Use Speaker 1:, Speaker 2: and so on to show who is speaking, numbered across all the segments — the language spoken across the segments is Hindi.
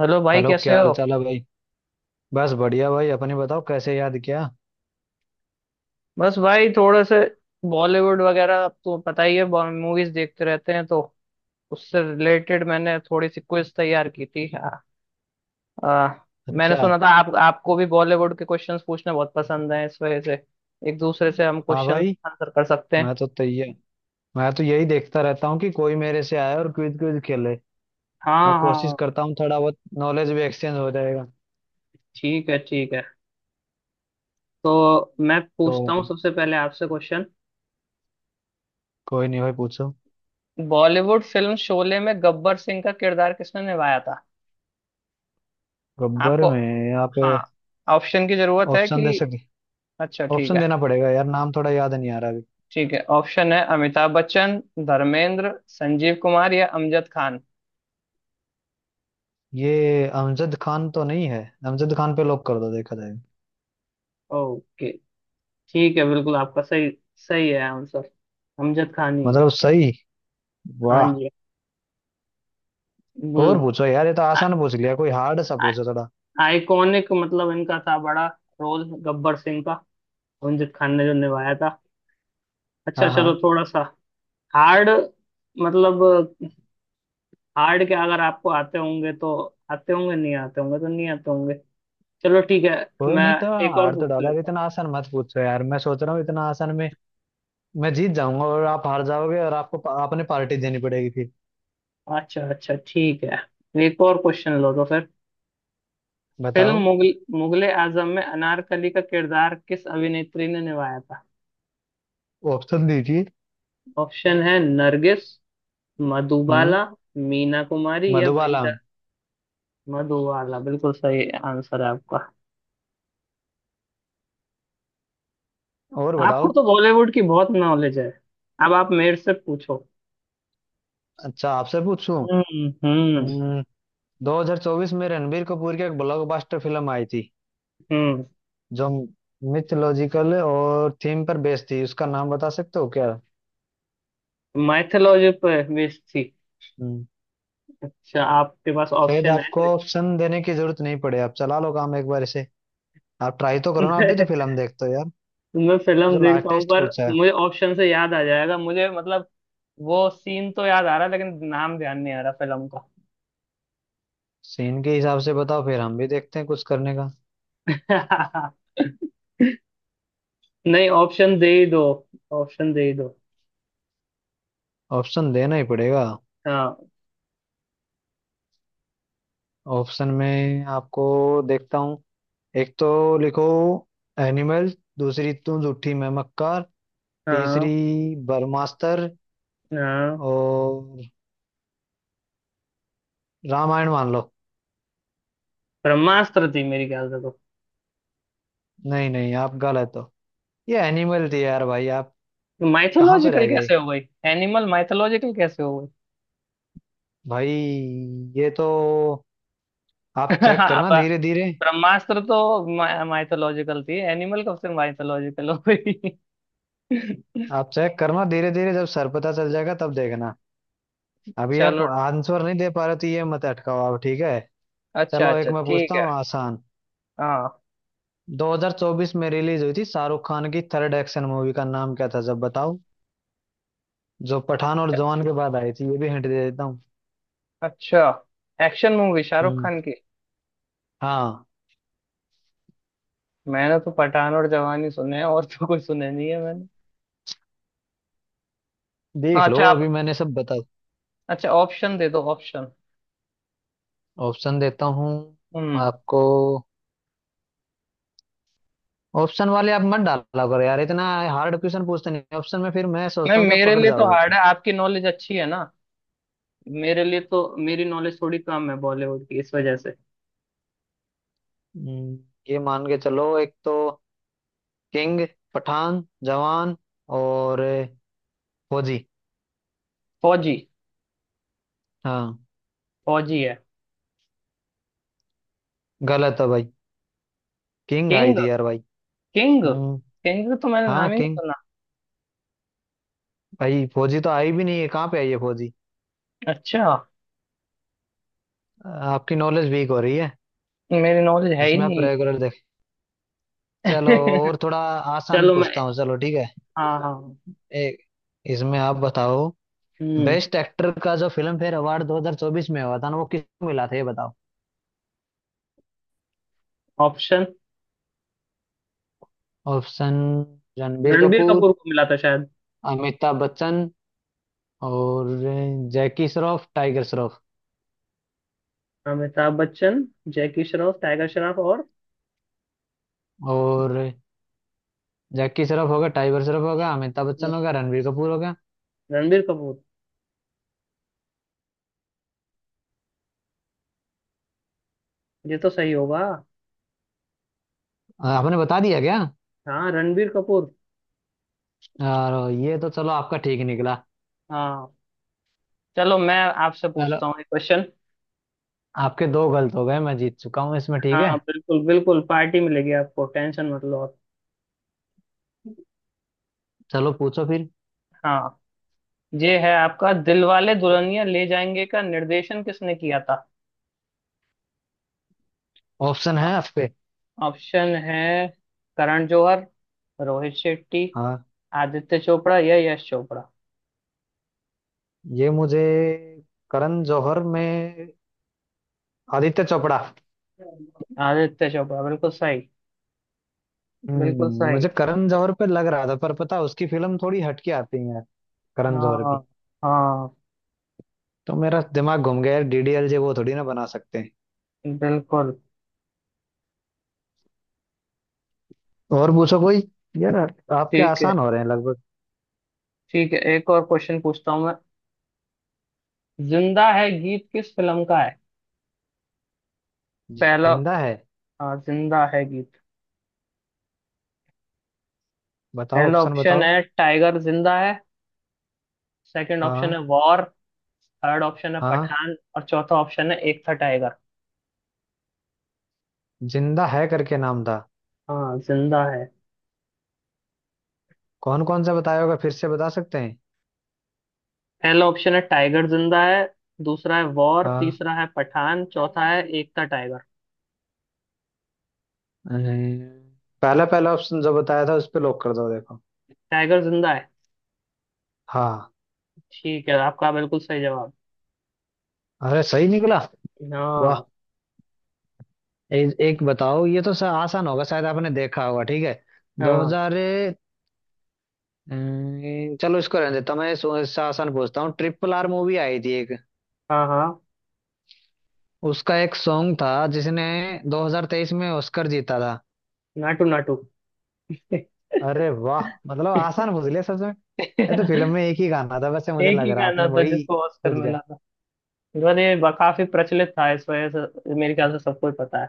Speaker 1: हेलो भाई,
Speaker 2: हेलो
Speaker 1: कैसे
Speaker 2: क्या
Speaker 1: हो।
Speaker 2: हाल चाल है भाई। बस बढ़िया भाई अपने बताओ कैसे याद किया।
Speaker 1: बस भाई, थोड़े से बॉलीवुड वगैरह, अब तो पता ही है। मूवीज देखते रहते हैं, तो उससे रिलेटेड मैंने थोड़ी सी क्विज तैयार की थी। आ, आ, मैंने
Speaker 2: अच्छा।
Speaker 1: सुना था आप आपको भी बॉलीवुड के क्वेश्चंस पूछना बहुत पसंद है, इस वजह से एक दूसरे से हम
Speaker 2: हाँ
Speaker 1: क्वेश्चंस
Speaker 2: भाई।
Speaker 1: आंसर कर सकते हैं।
Speaker 2: मैं तो तैयार। मैं तो यही देखता रहता हूँ कि कोई मेरे से आए और क्विज क्विज खेले। मैं
Speaker 1: हाँ
Speaker 2: कोशिश
Speaker 1: हाँ।
Speaker 2: करता हूँ थोड़ा बहुत नॉलेज भी एक्सचेंज हो जाएगा।
Speaker 1: ठीक है, ठीक है। तो मैं पूछता हूँ
Speaker 2: तो
Speaker 1: सबसे पहले आपसे क्वेश्चन।
Speaker 2: कोई नहीं भाई पूछो।
Speaker 1: बॉलीवुड फिल्म शोले में गब्बर सिंह का किरदार किसने निभाया था?
Speaker 2: गब्बर
Speaker 1: आपको।
Speaker 2: में। यहाँ पे।
Speaker 1: हाँ। ऑप्शन की जरूरत है
Speaker 2: ऑप्शन दे
Speaker 1: कि?
Speaker 2: सके।
Speaker 1: अच्छा, ठीक
Speaker 2: ऑप्शन
Speaker 1: है।
Speaker 2: देना पड़ेगा यार, नाम थोड़ा याद नहीं आ रहा अभी।
Speaker 1: ठीक है, ऑप्शन है अमिताभ बच्चन, धर्मेंद्र, संजीव कुमार या अमजद खान।
Speaker 2: ये अमजद खान तो नहीं है। अमजद खान पे लॉक कर दो, देखा जाएगा।
Speaker 1: ओके। ठीक है, बिल्कुल आपका सही। सही है आंसर। अमजद खान ही है।
Speaker 2: मतलब सही। वाह।
Speaker 1: खान जी है। वो
Speaker 2: और पूछो यार, ये तो आसान पूछ लिया, कोई हार्ड सा पूछो थोड़ा।
Speaker 1: आइकॉनिक मतलब इनका था, बड़ा रोल गब्बर सिंह का, अमजद खान ने जो निभाया था। अच्छा,
Speaker 2: हाँ
Speaker 1: चलो
Speaker 2: हाँ।
Speaker 1: थोड़ा सा हार्ड। मतलब हार्ड के अगर आपको आते होंगे तो आते होंगे, नहीं आते होंगे तो नहीं आते होंगे। चलो ठीक है।
Speaker 2: कोई
Speaker 1: मैं
Speaker 2: नहीं, तो
Speaker 1: एक और
Speaker 2: हार तो
Speaker 1: पूछ
Speaker 2: डाला। अब
Speaker 1: लेता।
Speaker 2: इतना आसान मत पूछो यार, मैं सोच रहा हूँ इतना आसान में मैं जीत जाऊंगा और आप हार जाओगे और आपको आपने पार्टी देनी पड़ेगी फिर।
Speaker 1: अच्छा अच्छा, ठीक है, एक और क्वेश्चन लो तो फिर। फिल्म
Speaker 2: बताओ।
Speaker 1: मुगल मुगले आजम में अनारकली का किरदार किस अभिनेत्री ने निभाया था?
Speaker 2: ऑप्शन दीजिए।
Speaker 1: ऑप्शन है नरगिस,
Speaker 2: हम्म।
Speaker 1: मधुबाला, मीना कुमारी या
Speaker 2: मधुबाला।
Speaker 1: वहीदा। मधुबाला बिल्कुल सही आंसर है आपका।
Speaker 2: और
Speaker 1: आपको
Speaker 2: बताओ।
Speaker 1: तो बॉलीवुड की बहुत नॉलेज है। अब आप मेरे से पूछो।
Speaker 2: अच्छा, आपसे पूछूं।
Speaker 1: हम्म।
Speaker 2: हम्म 2024 में रणबीर कपूर की एक ब्लॉकबस्टर फिल्म आई थी
Speaker 1: हम्म।
Speaker 2: जो मिथोलॉजिकल और थीम पर बेस्ड थी, उसका नाम बता सकते हो क्या।
Speaker 1: माइथोलॉजी पर बेस्ड थी?
Speaker 2: हम्म।
Speaker 1: अच्छा, आपके पास
Speaker 2: शायद
Speaker 1: ऑप्शन
Speaker 2: आपको
Speaker 1: है?
Speaker 2: ऑप्शन देने की जरूरत नहीं पड़े, आप चला लो काम एक बार इसे। आप ट्राई तो करो ना, आप भी तो
Speaker 1: कोई
Speaker 2: फिल्म देखते हो यार।
Speaker 1: मैं
Speaker 2: ये
Speaker 1: फिल्म
Speaker 2: तो लास्ट
Speaker 1: देखता हूँ,
Speaker 2: टेस्ट
Speaker 1: पर
Speaker 2: पूछा है।
Speaker 1: मुझे ऑप्शन से याद आ जाएगा, मुझे मतलब वो सीन तो याद आ रहा है लेकिन नाम ध्यान नहीं आ रहा फिल्म
Speaker 2: सीन के हिसाब से बताओ, फिर हम भी देखते हैं कुछ करने का।
Speaker 1: का। नहीं, ऑप्शन दे ही दो, ऑप्शन दे ही दो।
Speaker 2: ऑप्शन देना ही पड़ेगा।
Speaker 1: हाँ।
Speaker 2: ऑप्शन में आपको देखता हूँ। एक तो लिखो, एनिमल। दूसरी, तू झूठी मैं मक्कार।
Speaker 1: हाँ।
Speaker 2: तीसरी, बर्मास्तर।
Speaker 1: हाँ।
Speaker 2: और रामायण मान लो।
Speaker 1: ब्रह्मास्त्र थी मेरी ख्याल से तो।
Speaker 2: नहीं नहीं, आप गलत हो। ये एनिमल थी यार भाई। आप कहाँ पे
Speaker 1: माइथोलॉजिकल
Speaker 2: रह गए।
Speaker 1: कैसे हो गई? एनिमल माइथोलॉजिकल कैसे हो गई?
Speaker 2: भाई, ये तो। आप चेक करना
Speaker 1: अब
Speaker 2: धीरे धीरे।
Speaker 1: ब्रह्मास्त्र तो माइथोलॉजिकल थी, एनिमल कब से माइथोलॉजिकल हो गई?
Speaker 2: आप चेक करना धीरे धीरे, जब सर पता चल जाएगा तब देखना। अभी आप
Speaker 1: चलो।
Speaker 2: आंसर नहीं दे पा रहे तो ये मत अटकाओ आप, ठीक है।
Speaker 1: अच्छा
Speaker 2: चलो
Speaker 1: अच्छा,
Speaker 2: एक मैं
Speaker 1: ठीक
Speaker 2: पूछता
Speaker 1: है।
Speaker 2: हूँ आसान।
Speaker 1: हाँ।
Speaker 2: 2024 में रिलीज हुई थी शाहरुख खान की थर्ड एक्शन मूवी, का नाम क्या था जब बताओ। जो पठान और जवान के बाद आई थी, ये भी हिंट दे देता हूँ।
Speaker 1: अच्छा। एक्शन मूवी शाहरुख
Speaker 2: हम्म।
Speaker 1: खान की?
Speaker 2: हाँ।
Speaker 1: मैंने तो पठान और जवानी सुने हैं, और तो कोई सुने नहीं है मैंने। हाँ,
Speaker 2: देख लो
Speaker 1: अच्छा आप।
Speaker 2: अभी मैंने सब बता।
Speaker 1: अच्छा, ऑप्शन दे दो, ऑप्शन।
Speaker 2: ऑप्शन देता हूँ
Speaker 1: हम्म।
Speaker 2: आपको। ऑप्शन वाले आप मत डाला करो यार इतना, हार्ड क्वेश्चन पूछते नहीं ऑप्शन में, फिर मैं सोचता
Speaker 1: नहीं,
Speaker 2: हूँ कि आप
Speaker 1: मेरे
Speaker 2: पकड़
Speaker 1: लिए तो
Speaker 2: जाओगे।
Speaker 1: हार्ड है, आपकी नॉलेज अच्छी है ना। मेरे लिए तो मेरी नॉलेज थोड़ी कम है बॉलीवुड की, इस वजह से।
Speaker 2: हम्म, ये मान के चलो। एक तो किंग, पठान, जवान और फौजी।
Speaker 1: फौजी।
Speaker 2: हाँ।
Speaker 1: फौजी है।
Speaker 2: गलत है भाई, किंग आई
Speaker 1: किंग।
Speaker 2: थी यार भाई।
Speaker 1: किंग।
Speaker 2: हम्म।
Speaker 1: किंग का तो मैंने
Speaker 2: हाँ
Speaker 1: नाम ही नहीं
Speaker 2: किंग।
Speaker 1: सुना।
Speaker 2: भाई फौजी तो आई भी नहीं है, कहाँ पे आई है फौजी।
Speaker 1: अच्छा।
Speaker 2: आपकी नॉलेज वीक हो रही है।
Speaker 1: मेरी नॉलेज है ही
Speaker 2: जिसमें आप
Speaker 1: नहीं।
Speaker 2: रेगुलर देख। चलो और थोड़ा आसान
Speaker 1: चलो मैं।
Speaker 2: पूछता हूँ, चलो ठीक है।
Speaker 1: हाँ हाँ।
Speaker 2: एक। इसमें आप बताओ।
Speaker 1: हम्म।
Speaker 2: बेस्ट एक्टर का जो फिल्म फेयर अवार्ड 2024 में हुआ था ना, वो किसको मिला था ये बताओ।
Speaker 1: ऑप्शन।
Speaker 2: ऑप्शन। रणबीर
Speaker 1: रणबीर
Speaker 2: कपूर।
Speaker 1: कपूर को मिला था शायद।
Speaker 2: अमिताभ बच्चन। और जैकी श्रॉफ, टाइगर श्रॉफ।
Speaker 1: अमिताभ बच्चन। जैकी श्रॉफ, टाइगर श्रॉफ और।
Speaker 2: और जैकी श्रॉफ हो गया, टाइगर श्रॉफ हो गया, अमिताभ
Speaker 1: हम्म,
Speaker 2: बच्चन हो गया, रणबीर कपूर हो गया।
Speaker 1: रणबीर कपूर। ये तो सही होगा।
Speaker 2: आपने बता दिया क्या।
Speaker 1: हाँ, रणबीर कपूर।
Speaker 2: और ये तो चलो आपका ठीक निकला।
Speaker 1: हाँ। चलो मैं आपसे
Speaker 2: चलो,
Speaker 1: पूछता हूँ एक क्वेश्चन।
Speaker 2: आपके दो गलत हो गए, मैं जीत चुका हूँ इसमें, ठीक
Speaker 1: हाँ,
Speaker 2: है।
Speaker 1: बिल्कुल बिल्कुल, पार्टी मिलेगी आपको, टेंशन मत लो आप।
Speaker 2: चलो पूछो फिर।
Speaker 1: हाँ। ये है आपका, दिलवाले दुल्हनिया ले जाएंगे का निर्देशन किसने किया था?
Speaker 2: ऑप्शन है आपके।
Speaker 1: ऑप्शन है करण जौहर, रोहित शेट्टी,
Speaker 2: हाँ।
Speaker 1: आदित्य चोपड़ा या यश चोपड़ा।
Speaker 2: ये मुझे। करण जौहर में आदित्य चोपड़ा।
Speaker 1: आदित्य चोपड़ा बिल्कुल सही। बिल्कुल सही।
Speaker 2: मुझे करण जौहर पे लग रहा था, पर पता उसकी फिल्म थोड़ी हटके आती है यार, करण जौहर
Speaker 1: हाँ।
Speaker 2: की।
Speaker 1: हाँ।
Speaker 2: तो मेरा दिमाग घूम गया यार, डीडीएलजे वो थोड़ी ना बना सकते हैं।
Speaker 1: बिल्कुल।
Speaker 2: और पूछो कोई यार, आपके
Speaker 1: ठीक है।
Speaker 2: आसान हो रहे हैं लगभग।
Speaker 1: ठीक है, एक और क्वेश्चन पूछता हूँ मैं। जिंदा है गीत किस फिल्म का है? पहला।
Speaker 2: जिंदा है।
Speaker 1: हाँ, जिंदा है गीत।
Speaker 2: बताओ
Speaker 1: पहला
Speaker 2: ऑप्शन
Speaker 1: ऑप्शन
Speaker 2: बताओ।
Speaker 1: है टाइगर जिंदा है, सेकंड ऑप्शन
Speaker 2: हाँ।
Speaker 1: है वॉर, थर्ड ऑप्शन है
Speaker 2: हाँ
Speaker 1: पठान और चौथा ऑप्शन है एक था टाइगर।
Speaker 2: जिंदा है करके नाम था।
Speaker 1: हाँ, जिंदा है।
Speaker 2: कौन कौन सा बताया होगा, फिर से बता सकते हैं।
Speaker 1: पहला ऑप्शन है टाइगर जिंदा है, दूसरा है वॉर,
Speaker 2: हाँ।
Speaker 1: तीसरा है पठान, चौथा है एक था टाइगर।
Speaker 2: अम्म, पहला पहला ऑप्शन जो बताया था, उस पे लॉक कर दो देखो।
Speaker 1: टाइगर जिंदा है।
Speaker 2: हाँ।
Speaker 1: ठीक है, आपका बिल्कुल सही जवाब।
Speaker 2: अरे सही निकला। वाह।
Speaker 1: हाँ।
Speaker 2: एक बताओ, ये तो आसान होगा, शायद आपने देखा होगा, ठीक है।
Speaker 1: हाँ।
Speaker 2: 2000। चलो इसको रहने देता हूं। मैं इससे आसान पूछता हूँ। ट्रिपल आर मूवी आई थी एक,
Speaker 1: हाँ। हाँ।
Speaker 2: उसका एक सॉन्ग था जिसने 2023 में ऑस्कर जीता था।
Speaker 1: नाटू नाटू।
Speaker 2: अरे वाह, मतलब आसान पूछ लिया सच में। ये तो फिल्म में एक ही गाना था, वैसे मुझे
Speaker 1: एक
Speaker 2: लग
Speaker 1: ही
Speaker 2: रहा
Speaker 1: गाना
Speaker 2: आपने
Speaker 1: था
Speaker 2: वही
Speaker 1: जिसको ऑस्कर
Speaker 2: सोच
Speaker 1: मिला
Speaker 2: गए।
Speaker 1: था। और ये काफी प्रचलित था, इस वजह से मेरे ख्याल से सबको ही पता है।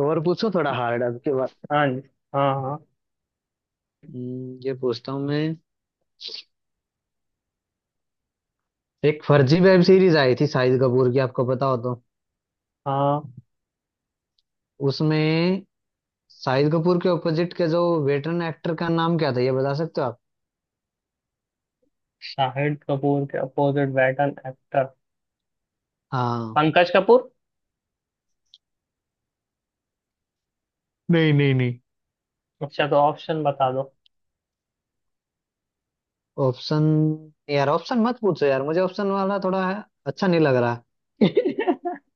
Speaker 2: और पूछो थोड़ा हार्ड अब के बाद।
Speaker 1: हाँ जी। हाँ हाँ।
Speaker 2: ये पूछता हूँ मैं। एक फर्जी वेब सीरीज आई थी शाहिद कपूर की, आपको पता हो तो।
Speaker 1: हाँ।
Speaker 2: उसमें शाहिद कपूर के ऑपोजिट के जो वेटरन एक्टर, का नाम क्या था ये बता सकते हो आप।
Speaker 1: शाहिद कपूर के अपोजिट बैटन एक्टर?
Speaker 2: हाँ।
Speaker 1: पंकज कपूर।
Speaker 2: नहीं नहीं नहीं।
Speaker 1: अच्छा, तो ऑप्शन बता दो।
Speaker 2: ऑप्शन। यार ऑप्शन मत पूछो यार, मुझे ऑप्शन वाला थोड़ा अच्छा नहीं लग रहा।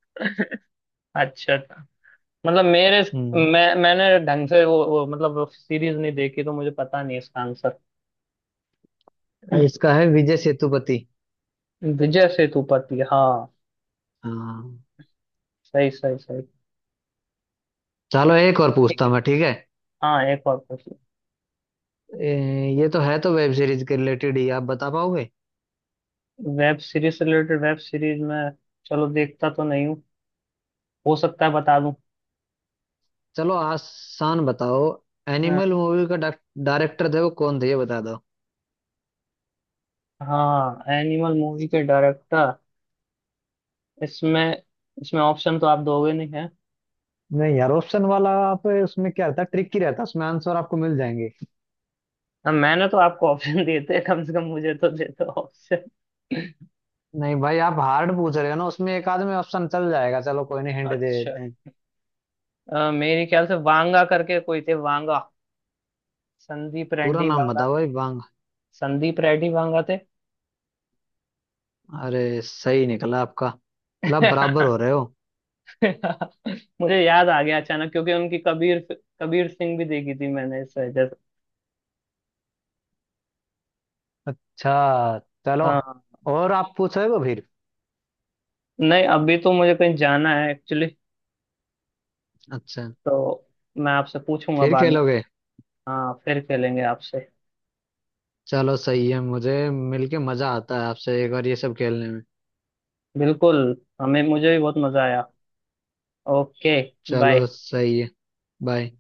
Speaker 1: अच्छा था। मतलब मेरे।
Speaker 2: हम्म।
Speaker 1: मैंने ढंग से वो मतलब सीरीज नहीं देखी, तो मुझे पता नहीं इसका आंसर।
Speaker 2: इसका है विजय सेतुपति।
Speaker 1: विजय सेतुपति, हाँ।
Speaker 2: हाँ।
Speaker 1: सही, सही, सही।
Speaker 2: चलो एक और पूछता हूँ मैं, ठीक है।
Speaker 1: हाँ, एक और क्वेश्चन।
Speaker 2: ये तो है तो वेब सीरीज के रिलेटेड ही, आप बता पाओगे।
Speaker 1: वेब सीरीज से रिलेटेड। वेब सीरीज में चलो, देखता तो नहीं हूँ, हो सकता है बता दूं।
Speaker 2: चलो आसान बताओ।
Speaker 1: अ,
Speaker 2: एनिमल मूवी का डायरेक्टर थे वो कौन थे, ये बता दो।
Speaker 1: हाँ, एनिमल मूवी के डायरेक्टर। इसमें इसमें ऑप्शन तो आप दोगे नहीं है।
Speaker 2: नहीं यार, ऑप्शन वाला आप उसमें क्या रहता है, ट्रिक ही रहता है उसमें, आंसर आपको मिल जाएंगे।
Speaker 1: मैंने तो आपको ऑप्शन देते, कम से कम मुझे तो देते ऑप्शन।
Speaker 2: नहीं भाई, आप हार्ड पूछ रहे हो ना, उसमें एक आदमी ऑप्शन चल जाएगा। चलो कोई नहीं, हिंट दे
Speaker 1: अच्छा।
Speaker 2: देते हैं।
Speaker 1: मेरे ख्याल से वांगा करके कोई थे, वांगा। संदीप
Speaker 2: पूरा
Speaker 1: रेड्डी
Speaker 2: नाम
Speaker 1: वांगा।
Speaker 2: बताओ भाई, वांग।
Speaker 1: संदीप रेड्डी वांगा थे।
Speaker 2: अरे सही निकला आपका। मतलब आप बराबर हो रहे हो।
Speaker 1: मुझे याद आ गया अचानक क्योंकि उनकी कबीर कबीर सिंह भी देखी थी मैंने, इस वजह से।
Speaker 2: अच्छा। चलो।
Speaker 1: हाँ।
Speaker 2: और आप पूछोगे फिर।
Speaker 1: नहीं, अभी तो मुझे कहीं जाना है एक्चुअली,
Speaker 2: अच्छा।
Speaker 1: तो मैं आपसे पूछूंगा
Speaker 2: फिर
Speaker 1: बाद में।
Speaker 2: खेलोगे।
Speaker 1: हाँ, फिर खेलेंगे आपसे।
Speaker 2: चलो सही है, मुझे मिलके मजा आता है आपसे एक बार ये सब खेलने में।
Speaker 1: बिल्कुल, हमें मुझे भी बहुत मजा आया। ओके।
Speaker 2: चलो
Speaker 1: बाय।
Speaker 2: सही है। बाय।